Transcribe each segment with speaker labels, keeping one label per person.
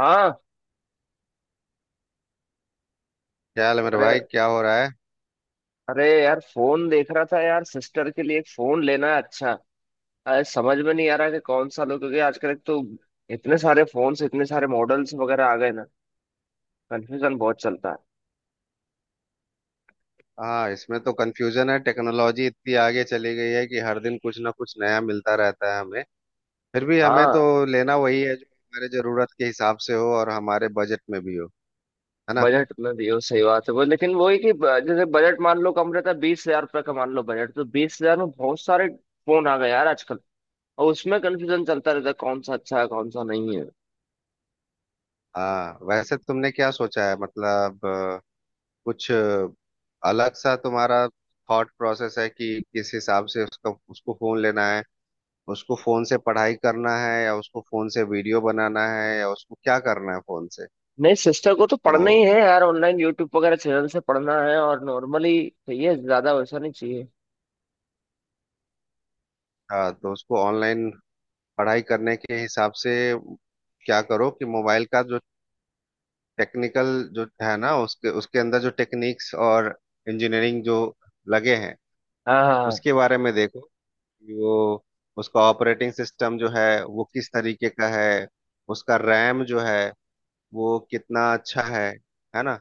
Speaker 1: हाँ।
Speaker 2: क्या हाल है मेरे
Speaker 1: अरे,
Speaker 2: भाई, क्या हो रहा है?
Speaker 1: अरे यार, फोन देख रहा था यार। सिस्टर के लिए एक फोन लेना है। अच्छा, अरे समझ में नहीं आ रहा कि कौन सा लो, क्योंकि आजकल एक तो इतने सारे फोन्स, इतने सारे मॉडल्स वगैरह आ गए ना। कंफ्यूजन बहुत चलता है।
Speaker 2: हाँ, इसमें तो कंफ्यूजन है। टेक्नोलॉजी इतनी आगे चली गई है कि हर दिन कुछ ना कुछ नया मिलता रहता है हमें। फिर भी हमें
Speaker 1: हाँ,
Speaker 2: तो लेना वही है जो हमारे जरूरत के हिसाब से हो और हमारे बजट में भी हो। है ना?
Speaker 1: बजट में भी हो, सही बात है वो। लेकिन वो है कि जैसे बजट मान लो कम रहता है, 20,000 रुपये का मान लो बजट, तो 20,000 में बहुत सारे फोन आ गए यार आजकल। और उसमें कंफ्यूजन चलता रहता है कौन सा अच्छा है, कौन सा नहीं है।
Speaker 2: हाँ, वैसे तुमने क्या सोचा है? मतलब कुछ अलग सा तुम्हारा थॉट प्रोसेस है कि किस हिसाब से उसका उसको फोन लेना है। उसको फोन से पढ़ाई करना है या उसको फोन से वीडियो बनाना है या उसको क्या करना है फोन से?
Speaker 1: नहीं, सिस्टर को तो
Speaker 2: तो
Speaker 1: पढ़ना ही है यार, ऑनलाइन यूट्यूब वगैरह चैनल से पढ़ना है। और नॉर्मली चाहिए, ज्यादा वैसा नहीं चाहिए।
Speaker 2: हाँ, तो उसको ऑनलाइन पढ़ाई करने के हिसाब से क्या करो कि मोबाइल का जो टेक्निकल जो है ना, उसके उसके अंदर जो टेक्निक्स और इंजीनियरिंग जो लगे हैं
Speaker 1: हाँ, हाँ, हाँ,
Speaker 2: उसके बारे में देखो कि वो उसका ऑपरेटिंग सिस्टम जो है वो किस तरीके का है। उसका रैम जो है वो कितना अच्छा है। है ना?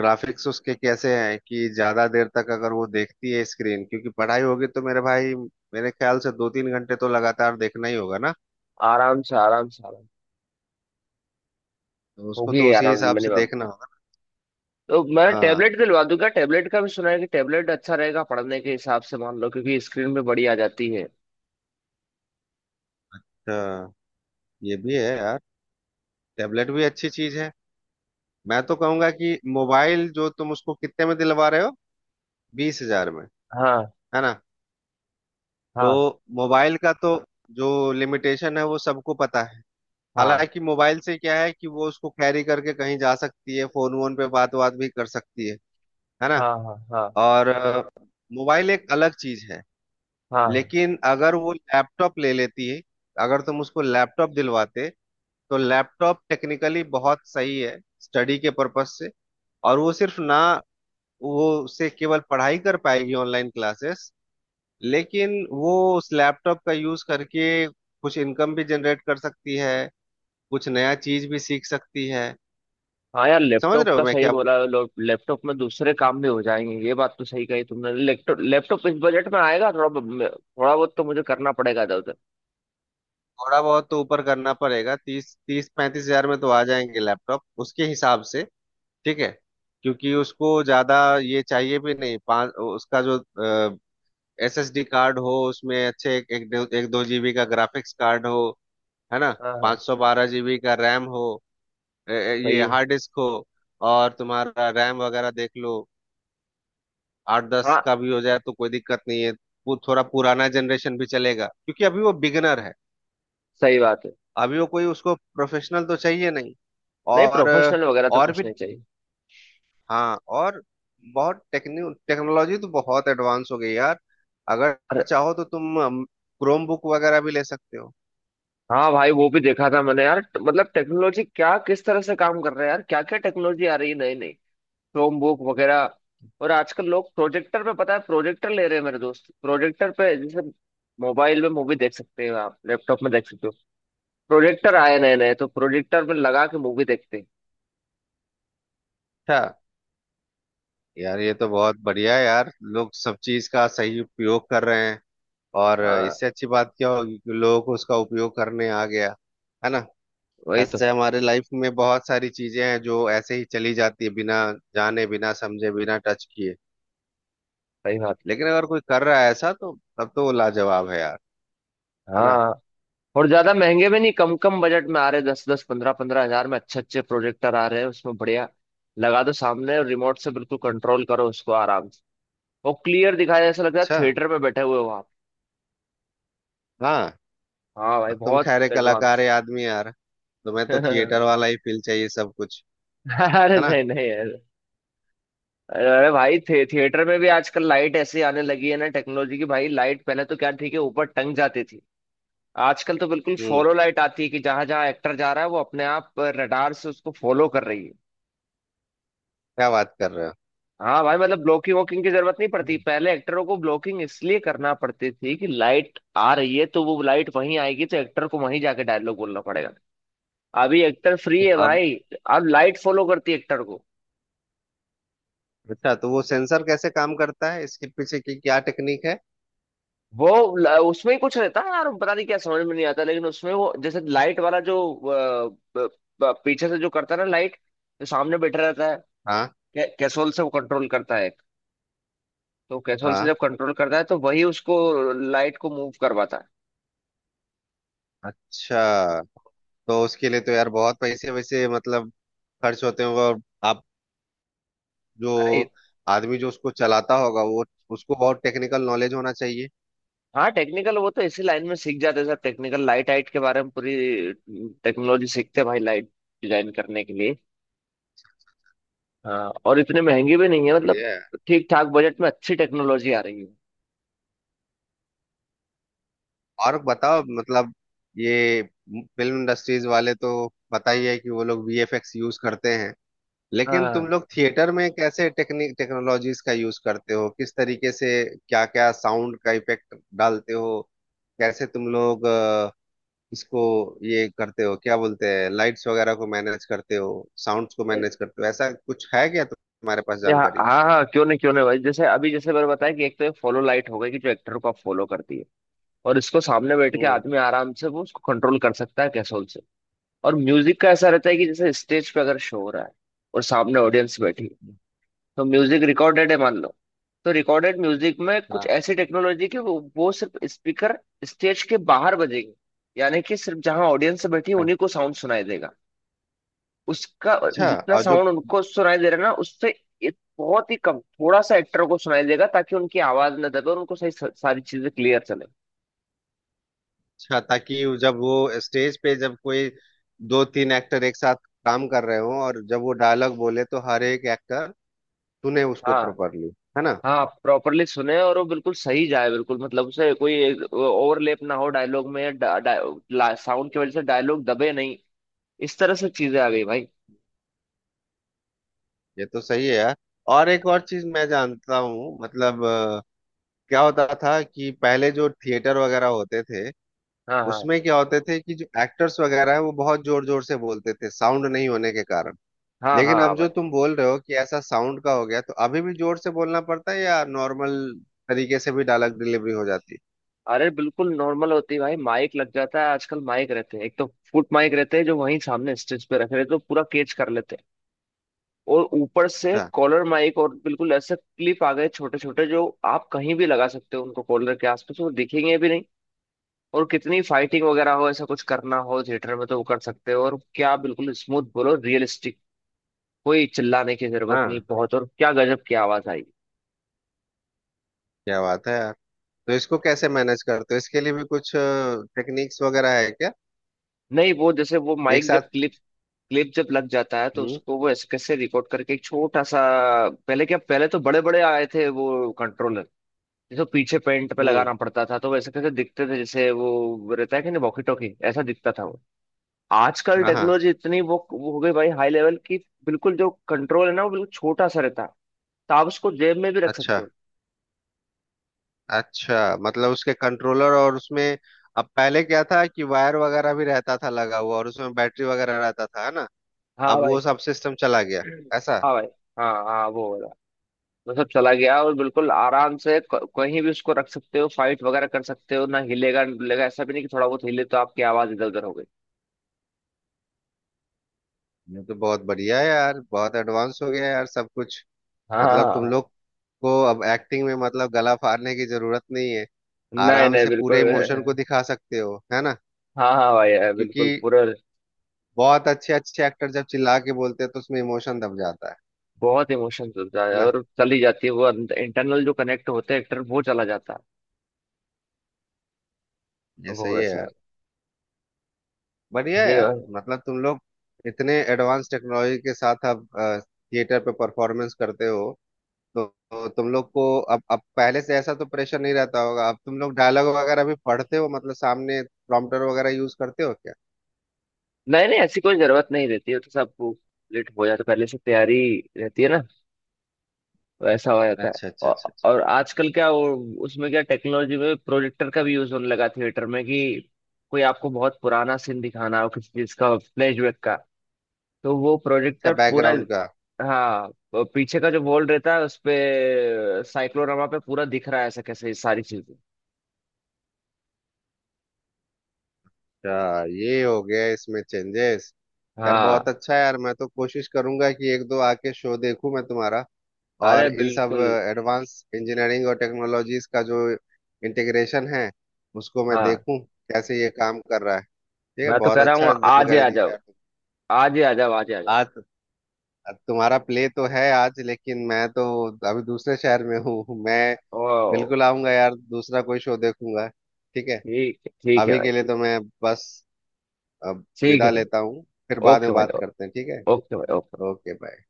Speaker 2: ग्राफिक्स उसके कैसे हैं? कि ज्यादा देर तक अगर वो देखती है स्क्रीन क्योंकि पढ़ाई होगी, तो मेरे भाई मेरे ख्याल से 2-3 घंटे तो लगातार देखना ही होगा ना।
Speaker 1: आराम से, आराम से, आराम
Speaker 2: तो उसको
Speaker 1: होगी,
Speaker 2: तो उसी
Speaker 1: आराम
Speaker 2: हिसाब से
Speaker 1: मिनिमम।
Speaker 2: देखना।
Speaker 1: तो मैं
Speaker 2: हाँ।
Speaker 1: टेबलेट दिलवा दूंगा। टेबलेट का भी सुना है कि टेबलेट अच्छा रहेगा पढ़ने के हिसाब से, मान लो, क्योंकि स्क्रीन पे बड़ी आ जाती है।
Speaker 2: अच्छा, ये भी है यार, टेबलेट भी अच्छी चीज है। मैं तो कहूंगा कि मोबाइल जो तुम उसको कितने में दिलवा रहे हो, 20 हजार में।
Speaker 1: हाँ,
Speaker 2: है ना?
Speaker 1: हाँ,
Speaker 2: तो मोबाइल का तो जो लिमिटेशन है वो सबको पता है।
Speaker 1: हाँ,
Speaker 2: हालांकि मोबाइल से क्या है कि वो उसको कैरी करके कहीं जा सकती है, फोन वोन पे बात बात भी कर सकती है। है ना?
Speaker 1: हाँ, हाँ, हाँ,
Speaker 2: और मोबाइल एक अलग चीज है।
Speaker 1: हाँ, हाँ,
Speaker 2: लेकिन अगर वो लैपटॉप ले लेती है, अगर तुम उसको लैपटॉप दिलवाते तो लैपटॉप टेक्निकली बहुत सही है स्टडी के पर्पस से। और वो सिर्फ ना, वो उससे केवल पढ़ाई कर पाएगी, ऑनलाइन क्लासेस। लेकिन वो उस लैपटॉप का यूज करके कुछ इनकम भी जनरेट कर सकती है, कुछ नया चीज भी सीख सकती है।
Speaker 1: हाँ यार,
Speaker 2: समझ
Speaker 1: लैपटॉप
Speaker 2: रहे हो
Speaker 1: का
Speaker 2: मैं
Speaker 1: सही
Speaker 2: क्या बोल?
Speaker 1: बोला। लैपटॉप में दूसरे काम भी हो जाएंगे, ये बात तो सही कही तुमने। लैपटॉप, लैपटॉप इस बजट में आएगा थोड़ा। थोड़ा बहुत तो मुझे करना पड़ेगा इधर उधर।
Speaker 2: थोड़ा बहुत तो ऊपर करना पड़ेगा, 30, 30-35 हजार में तो आ जाएंगे लैपटॉप उसके हिसाब से। ठीक है। क्योंकि उसको ज्यादा ये चाहिए भी नहीं। पाँच उसका जो एसएसडी कार्ड हो उसमें अच्छे, एक एक दो जीबी का ग्राफिक्स कार्ड हो। है ना?
Speaker 1: हाँ, हाँ,
Speaker 2: 512 जीबी का रैम हो।
Speaker 1: सही
Speaker 2: ये
Speaker 1: है।
Speaker 2: हार्ड डिस्क हो। और तुम्हारा रैम वगैरह देख लो, 8-10 का
Speaker 1: हाँ,
Speaker 2: भी हो जाए तो कोई दिक्कत नहीं है। वो थोड़ा पुराना जनरेशन भी चलेगा क्योंकि अभी वो बिगनर है।
Speaker 1: सही बात है।
Speaker 2: अभी वो, कोई उसको प्रोफेशनल तो चाहिए नहीं।
Speaker 1: नहीं,
Speaker 2: और
Speaker 1: प्रोफेशनल वगैरह तो
Speaker 2: और
Speaker 1: कुछ
Speaker 2: भी।
Speaker 1: नहीं चाहिए।
Speaker 2: हाँ, बहुत टेक्निक टेक्नोलॉजी तो बहुत एडवांस हो गई यार। अगर
Speaker 1: अरे
Speaker 2: चाहो तो तुम क्रोम बुक वगैरह भी ले सकते हो।
Speaker 1: हाँ भाई, वो भी देखा था मैंने यार। मतलब टेक्नोलॉजी क्या किस तरह से काम कर रहा है यार, क्या क्या टेक्नोलॉजी आ रही है नई नई, क्रोम बुक वगैरह। और आजकल लोग प्रोजेक्टर पे, पता है, प्रोजेक्टर ले रहे हैं मेरे दोस्त। प्रोजेक्टर पे जैसे मोबाइल में मूवी देख सकते हैं, आप लैपटॉप में देख सकते हो, प्रोजेक्टर आए नए नए, तो प्रोजेक्टर में लगा के मूवी देखते हैं।
Speaker 2: अच्छा। यार ये तो बहुत बढ़िया है यार, लोग सब चीज का सही उपयोग कर रहे हैं। और
Speaker 1: हाँ
Speaker 2: इससे अच्छी बात क्या होगी कि लोगों को उसका उपयोग करने आ गया। है ना?
Speaker 1: वही तो।
Speaker 2: ऐसे हमारे लाइफ में बहुत सारी चीजें हैं जो ऐसे ही चली जाती है बिना जाने, बिना समझे, बिना टच किए।
Speaker 1: सही बात।
Speaker 2: लेकिन अगर कोई कर रहा है ऐसा, तो तब तो वो लाजवाब है यार। है ना?
Speaker 1: हाँ, और ज्यादा महंगे भी नहीं, कम कम बजट में आ रहे। दस दस पंद्रह पंद्रह हजार में अच्छे अच्छे प्रोजेक्टर आ रहे हैं, उसमें बढ़िया। लगा दो सामने और रिमोट से बिल्कुल कंट्रोल करो उसको आराम से। वो क्लियर दिखाया, जैसा लगता है
Speaker 2: अच्छा।
Speaker 1: थिएटर में बैठे हुए हो आप।
Speaker 2: हाँ।
Speaker 1: हाँ भाई,
Speaker 2: अब तुम
Speaker 1: बहुत
Speaker 2: ठहरे कलाकार
Speaker 1: एडवांस।
Speaker 2: है आदमी यार, तुम्हें तो थिएटर
Speaker 1: अरे,
Speaker 2: वाला ही फील चाहिए सब कुछ। है ना?
Speaker 1: नहीं नहीं, अरे, अरे भाई, थिएटर में भी आजकल लाइट ऐसी आने लगी है ना, टेक्नोलॉजी की भाई। लाइट पहले तो क्या, ठीक है, ऊपर टंग जाती थी। आजकल तो बिल्कुल
Speaker 2: हम्म,
Speaker 1: फॉलो लाइट आती है कि जहां जहां एक्टर जा रहा है, वो अपने आप रडार से उसको फॉलो कर रही है।
Speaker 2: क्या बात कर रहे
Speaker 1: हाँ भाई, मतलब ब्लॉकिंग वॉकिंग की जरूरत नहीं पड़ती।
Speaker 2: हो?
Speaker 1: पहले एक्टरों को ब्लॉकिंग इसलिए करना पड़ती थी कि लाइट आ रही है तो वो लाइट वहीं आएगी, तो एक्टर को वहीं जाके डायलॉग बोलना पड़ेगा। अभी एक्टर फ्री है
Speaker 2: अब,
Speaker 1: भाई, अब लाइट फॉलो करती है एक्टर को।
Speaker 2: अच्छा, तो वो सेंसर कैसे काम करता है, इसके पीछे की क्या टेक्निक है?
Speaker 1: वो उसमें ही कुछ रहता है यार, पता नहीं क्या, समझ में नहीं आता। लेकिन उसमें वो जैसे लाइट वाला जो ब- पीछे से जो करता है ना लाइट, जो सामने बैठा रहता है,
Speaker 2: हाँ,
Speaker 1: कैसोल से वो कंट्रोल करता है। तो कैसोल से
Speaker 2: हाँ।
Speaker 1: जब कंट्रोल करता है तो वही उसको लाइट को मूव करवाता है।
Speaker 2: अच्छा, तो उसके लिए तो यार बहुत पैसे वैसे मतलब खर्च होते होंगे। और आप जो
Speaker 1: अरे
Speaker 2: आदमी जो उसको चलाता होगा, वो, उसको बहुत टेक्निकल नॉलेज होना चाहिए।
Speaker 1: हाँ, टेक्निकल वो तो इसी लाइन में सीख जाते हैं सर, टेक्निकल लाइट हाइट के बारे में पूरी टेक्नोलॉजी सीखते हैं भाई, लाइट डिजाइन करने के लिए। हाँ, और इतने महंगी भी नहीं है मतलब,
Speaker 2: बढ़िया है।
Speaker 1: ठीक ठाक बजट में अच्छी टेक्नोलॉजी आ रही है।
Speaker 2: और बताओ मतलब, ये फिल्म इंडस्ट्रीज वाले तो पता ही है कि वो लोग वीएफएक्स यूज करते हैं। लेकिन तुम
Speaker 1: हाँ,
Speaker 2: लोग थिएटर में कैसे टेक्निक टेक्नोलॉजीज का यूज करते हो, किस तरीके से? क्या क्या साउंड का इफेक्ट डालते हो? कैसे तुम लोग इसको ये करते हो, क्या बोलते हैं, लाइट्स वगैरह को मैनेज करते हो, साउंड्स को मैनेज करते हो? ऐसा कुछ है क्या तुम्हारे पास
Speaker 1: ये, हाँ,
Speaker 2: जानकारी?
Speaker 1: हाँ, हाँ, क्यों नहीं, क्यों नहीं भाई। जैसे अभी जैसे मैंने बताया कि एक तो ये फॉलो लाइट हो गई कि जो एक्टर को आप फॉलो करती है, और इसको सामने बैठ के
Speaker 2: हम्म।
Speaker 1: आदमी आराम से वो उसको कंट्रोल कर सकता है कैसोल से। और म्यूजिक का ऐसा रहता है कि जैसे स्टेज पे अगर शो हो रहा है और सामने ऑडियंस बैठी है, तो म्यूजिक रिकॉर्डेड है मान लो, तो रिकॉर्डेड म्यूजिक में कुछ
Speaker 2: हाँ।
Speaker 1: ऐसी टेक्नोलॉजी कि वो सिर्फ स्पीकर स्टेज के बाहर बजेंगे, यानी कि सिर्फ जहां ऑडियंस बैठी है उन्हीं को साउंड सुनाई देगा। उसका
Speaker 2: अच्छा।
Speaker 1: जितना
Speaker 2: और जो,
Speaker 1: साउंड उनको सुनाई दे रहा है ना, उससे एक बहुत ही कम, थोड़ा सा एक्टर को सुनाई देगा, ताकि उनकी आवाज ना दबे और उनको सही सारी चीजें क्लियर चले।
Speaker 2: अच्छा, ताकि जब वो स्टेज पे जब कोई 2-3 एक्टर एक साथ काम कर रहे हो और जब वो डायलॉग बोले तो हर एक एक्टर सुने उसको
Speaker 1: हाँ,
Speaker 2: प्रॉपरली। है ना?
Speaker 1: हाँ, प्रॉपरली सुने और वो बिल्कुल सही जाए, बिल्कुल मतलब उसे कोई ओवरलैप ना हो डायलॉग में, साउंड की वजह से डायलॉग दबे नहीं। इस तरह से चीजें आ गई भाई।
Speaker 2: ये तो सही है यार। और एक और चीज मैं जानता हूँ, मतलब क्या होता था कि पहले जो थिएटर वगैरह होते थे,
Speaker 1: हाँ, हाँ,
Speaker 2: उसमें क्या होते थे कि जो एक्टर्स वगैरह है, वो बहुत जोर जोर से बोलते थे साउंड नहीं होने के कारण।
Speaker 1: हाँ। हाँ,
Speaker 2: लेकिन
Speaker 1: हाँ
Speaker 2: अब
Speaker 1: भाई।
Speaker 2: जो तुम बोल रहे हो कि ऐसा साउंड का हो गया, तो अभी भी जोर से बोलना पड़ता है या नॉर्मल तरीके से भी डायलॉग डिलीवरी हो जाती
Speaker 1: अरे बिल्कुल नॉर्मल होती है भाई, माइक लग जाता है। आजकल माइक रहते हैं, एक तो फुट माइक रहते हैं जो वहीं सामने स्टेज पे रखे रहते हैं तो पूरा कैच कर लेते हैं। और ऊपर से
Speaker 2: है? हाँ,
Speaker 1: कॉलर माइक और बिल्कुल ऐसे क्लिप आ गए छोटे छोटे, जो आप कहीं भी लगा सकते हो उनको, कॉलर के आसपास वो दिखेंगे भी नहीं। और कितनी फाइटिंग वगैरह हो, ऐसा कुछ करना हो थिएटर में तो वो कर सकते हो और क्या, बिल्कुल स्मूथ बोलो, रियलिस्टिक। कोई चिल्लाने की जरूरत नहीं
Speaker 2: हाँ।
Speaker 1: बहुत, और क्या गजब की आवाज आई।
Speaker 2: क्या बात है यार। तो इसको कैसे मैनेज करते हो, इसके लिए भी कुछ टेक्निक्स वगैरह है क्या?
Speaker 1: नहीं, वो जैसे वो
Speaker 2: एक
Speaker 1: माइक जब
Speaker 2: साथ।
Speaker 1: क्लिप क्लिप जब लग जाता है, तो
Speaker 2: हम्म।
Speaker 1: उसको वो ऐसे कैसे रिकॉर्ड करके एक छोटा सा। पहले क्या, पहले तो बड़े बड़े आए थे वो कंट्रोलर, जिसको पीछे पेंट पे
Speaker 2: हम्म।
Speaker 1: लगाना पड़ता था, तो वैसे कैसे दिखते थे जैसे वो रहता है कि नहीं, वॉकी टॉकी, ऐसा दिखता था वो। आजकल
Speaker 2: हाँ, हाँ।
Speaker 1: टेक्नोलॉजी इतनी वो हो गई भाई, हाई लेवल की। बिल्कुल जो कंट्रोल है ना, वो बिल्कुल छोटा सा रहता है, तो आप उसको जेब में भी रख
Speaker 2: अच्छा
Speaker 1: सकते हो।
Speaker 2: अच्छा, मतलब उसके कंट्रोलर और उसमें, अब पहले क्या था कि वायर वगैरह भी रहता था लगा हुआ और उसमें बैटरी वगैरह रहता था। है ना? अब
Speaker 1: हाँ
Speaker 2: वो
Speaker 1: भाई।
Speaker 2: सब सिस्टम चला गया, ऐसा?
Speaker 1: हाँ भाई, हाँ, हाँ। वो मतलब चला गया, और बिल्कुल आराम से कहीं भी उसको रख सकते हो, फाइट वगैरह कर सकते हो, ना हिलेगा ना डुलेगा। ऐसा भी नहीं कि थोड़ा बहुत हिले तो आपकी आवाज इधर उधर हो गई।
Speaker 2: ये तो बहुत बढ़िया है यार, बहुत एडवांस हो गया है यार सब कुछ।
Speaker 1: हाँ, हाँ,
Speaker 2: मतलब तुम
Speaker 1: हाँ।
Speaker 2: लोग को अब एक्टिंग में, मतलब, गला फाड़ने की जरूरत नहीं है,
Speaker 1: नहीं,
Speaker 2: आराम
Speaker 1: नहीं,
Speaker 2: से पूरे
Speaker 1: बिल्कुल।
Speaker 2: इमोशन को दिखा सकते हो। है ना?
Speaker 1: हाँ, हाँ भाई
Speaker 2: क्योंकि
Speaker 1: बिल्कुल पूरा।
Speaker 2: बहुत अच्छे अच्छे एक्टर जब चिल्ला के बोलते हैं तो उसमें इमोशन दब जाता है।
Speaker 1: बहुत इमोशन चलता
Speaker 2: है
Speaker 1: है
Speaker 2: ना?
Speaker 1: और चली जाती है, वो इंटरनल जो कनेक्ट होते हैं एक्टर, वो चला जाता है।
Speaker 2: ये
Speaker 1: वो
Speaker 2: सही है
Speaker 1: वैसा,
Speaker 2: यार। बढ़िया यार।
Speaker 1: ये।
Speaker 2: मतलब तुम लोग इतने एडवांस टेक्नोलॉजी के साथ अब थिएटर पे परफॉर्मेंस करते हो, तो तुम लोग को अब पहले से ऐसा तो प्रेशर नहीं रहता होगा। अब तुम लोग डायलॉग वगैरह भी पढ़ते हो, मतलब सामने प्रॉम्प्टर वगैरह यूज करते हो क्या?
Speaker 1: नहीं नहीं, ऐसी कोई जरूरत नहीं रहती है, तो सब कंप्लीट हो जाता है, पहले से तैयारी रहती है ना, वैसा हो जाता है।
Speaker 2: अच्छा, अच्छा,
Speaker 1: औ,
Speaker 2: अच्छा, अच्छा।
Speaker 1: और आजकल क्या वो, उसमें क्या टेक्नोलॉजी में प्रोजेक्टर का भी यूज होने लगा थिएटर में, कि कोई आपको बहुत पुराना सीन दिखाना हो किसी चीज का, फ्लैशबैक का, तो वो प्रोजेक्टर पूरा।
Speaker 2: बैकग्राउंड का।
Speaker 1: हाँ, वो पीछे का जो वॉल रहता है उस पे, साइक्लोरामा पे पूरा दिख रहा है, ऐसा कैसे, ये सारी चीजें।
Speaker 2: अच्छा, ये हो गया इसमें चेंजेस। यार
Speaker 1: हाँ,
Speaker 2: बहुत अच्छा है यार, मैं तो कोशिश करूंगा कि एक दो आके शो देखूं मैं तुम्हारा।
Speaker 1: अरे
Speaker 2: और इन सब
Speaker 1: बिल्कुल।
Speaker 2: एडवांस इंजीनियरिंग और टेक्नोलॉजीज का जो इंटीग्रेशन है उसको मैं
Speaker 1: हाँ,
Speaker 2: देखूं कैसे ये काम कर रहा है। ठीक है,
Speaker 1: मैं तो
Speaker 2: बहुत
Speaker 1: कह रहा हूँ
Speaker 2: अच्छा
Speaker 1: आज ही
Speaker 2: जानकारी
Speaker 1: आ
Speaker 2: दिया
Speaker 1: जाओ,
Speaker 2: यार तुम।
Speaker 1: आज ही आ जाओ, आज ही आ जाओ।
Speaker 2: आज? तुम्हारा प्ले तो है आज, लेकिन मैं तो अभी दूसरे शहर में हूँ मैं।
Speaker 1: ओ,
Speaker 2: बिल्कुल आऊंगा यार, दूसरा कोई शो देखूंगा। ठीक है।
Speaker 1: ठीक है, ठीक है
Speaker 2: अभी
Speaker 1: भाई,
Speaker 2: के लिए
Speaker 1: ठीक।
Speaker 2: तो मैं बस अब
Speaker 1: ठीक है
Speaker 2: विदा
Speaker 1: भाई।
Speaker 2: लेता हूँ। फिर बाद
Speaker 1: ओके
Speaker 2: में
Speaker 1: भाई,
Speaker 2: बात करते हैं, ठीक है?
Speaker 1: ओके भाई, ओके।
Speaker 2: Okay, bye.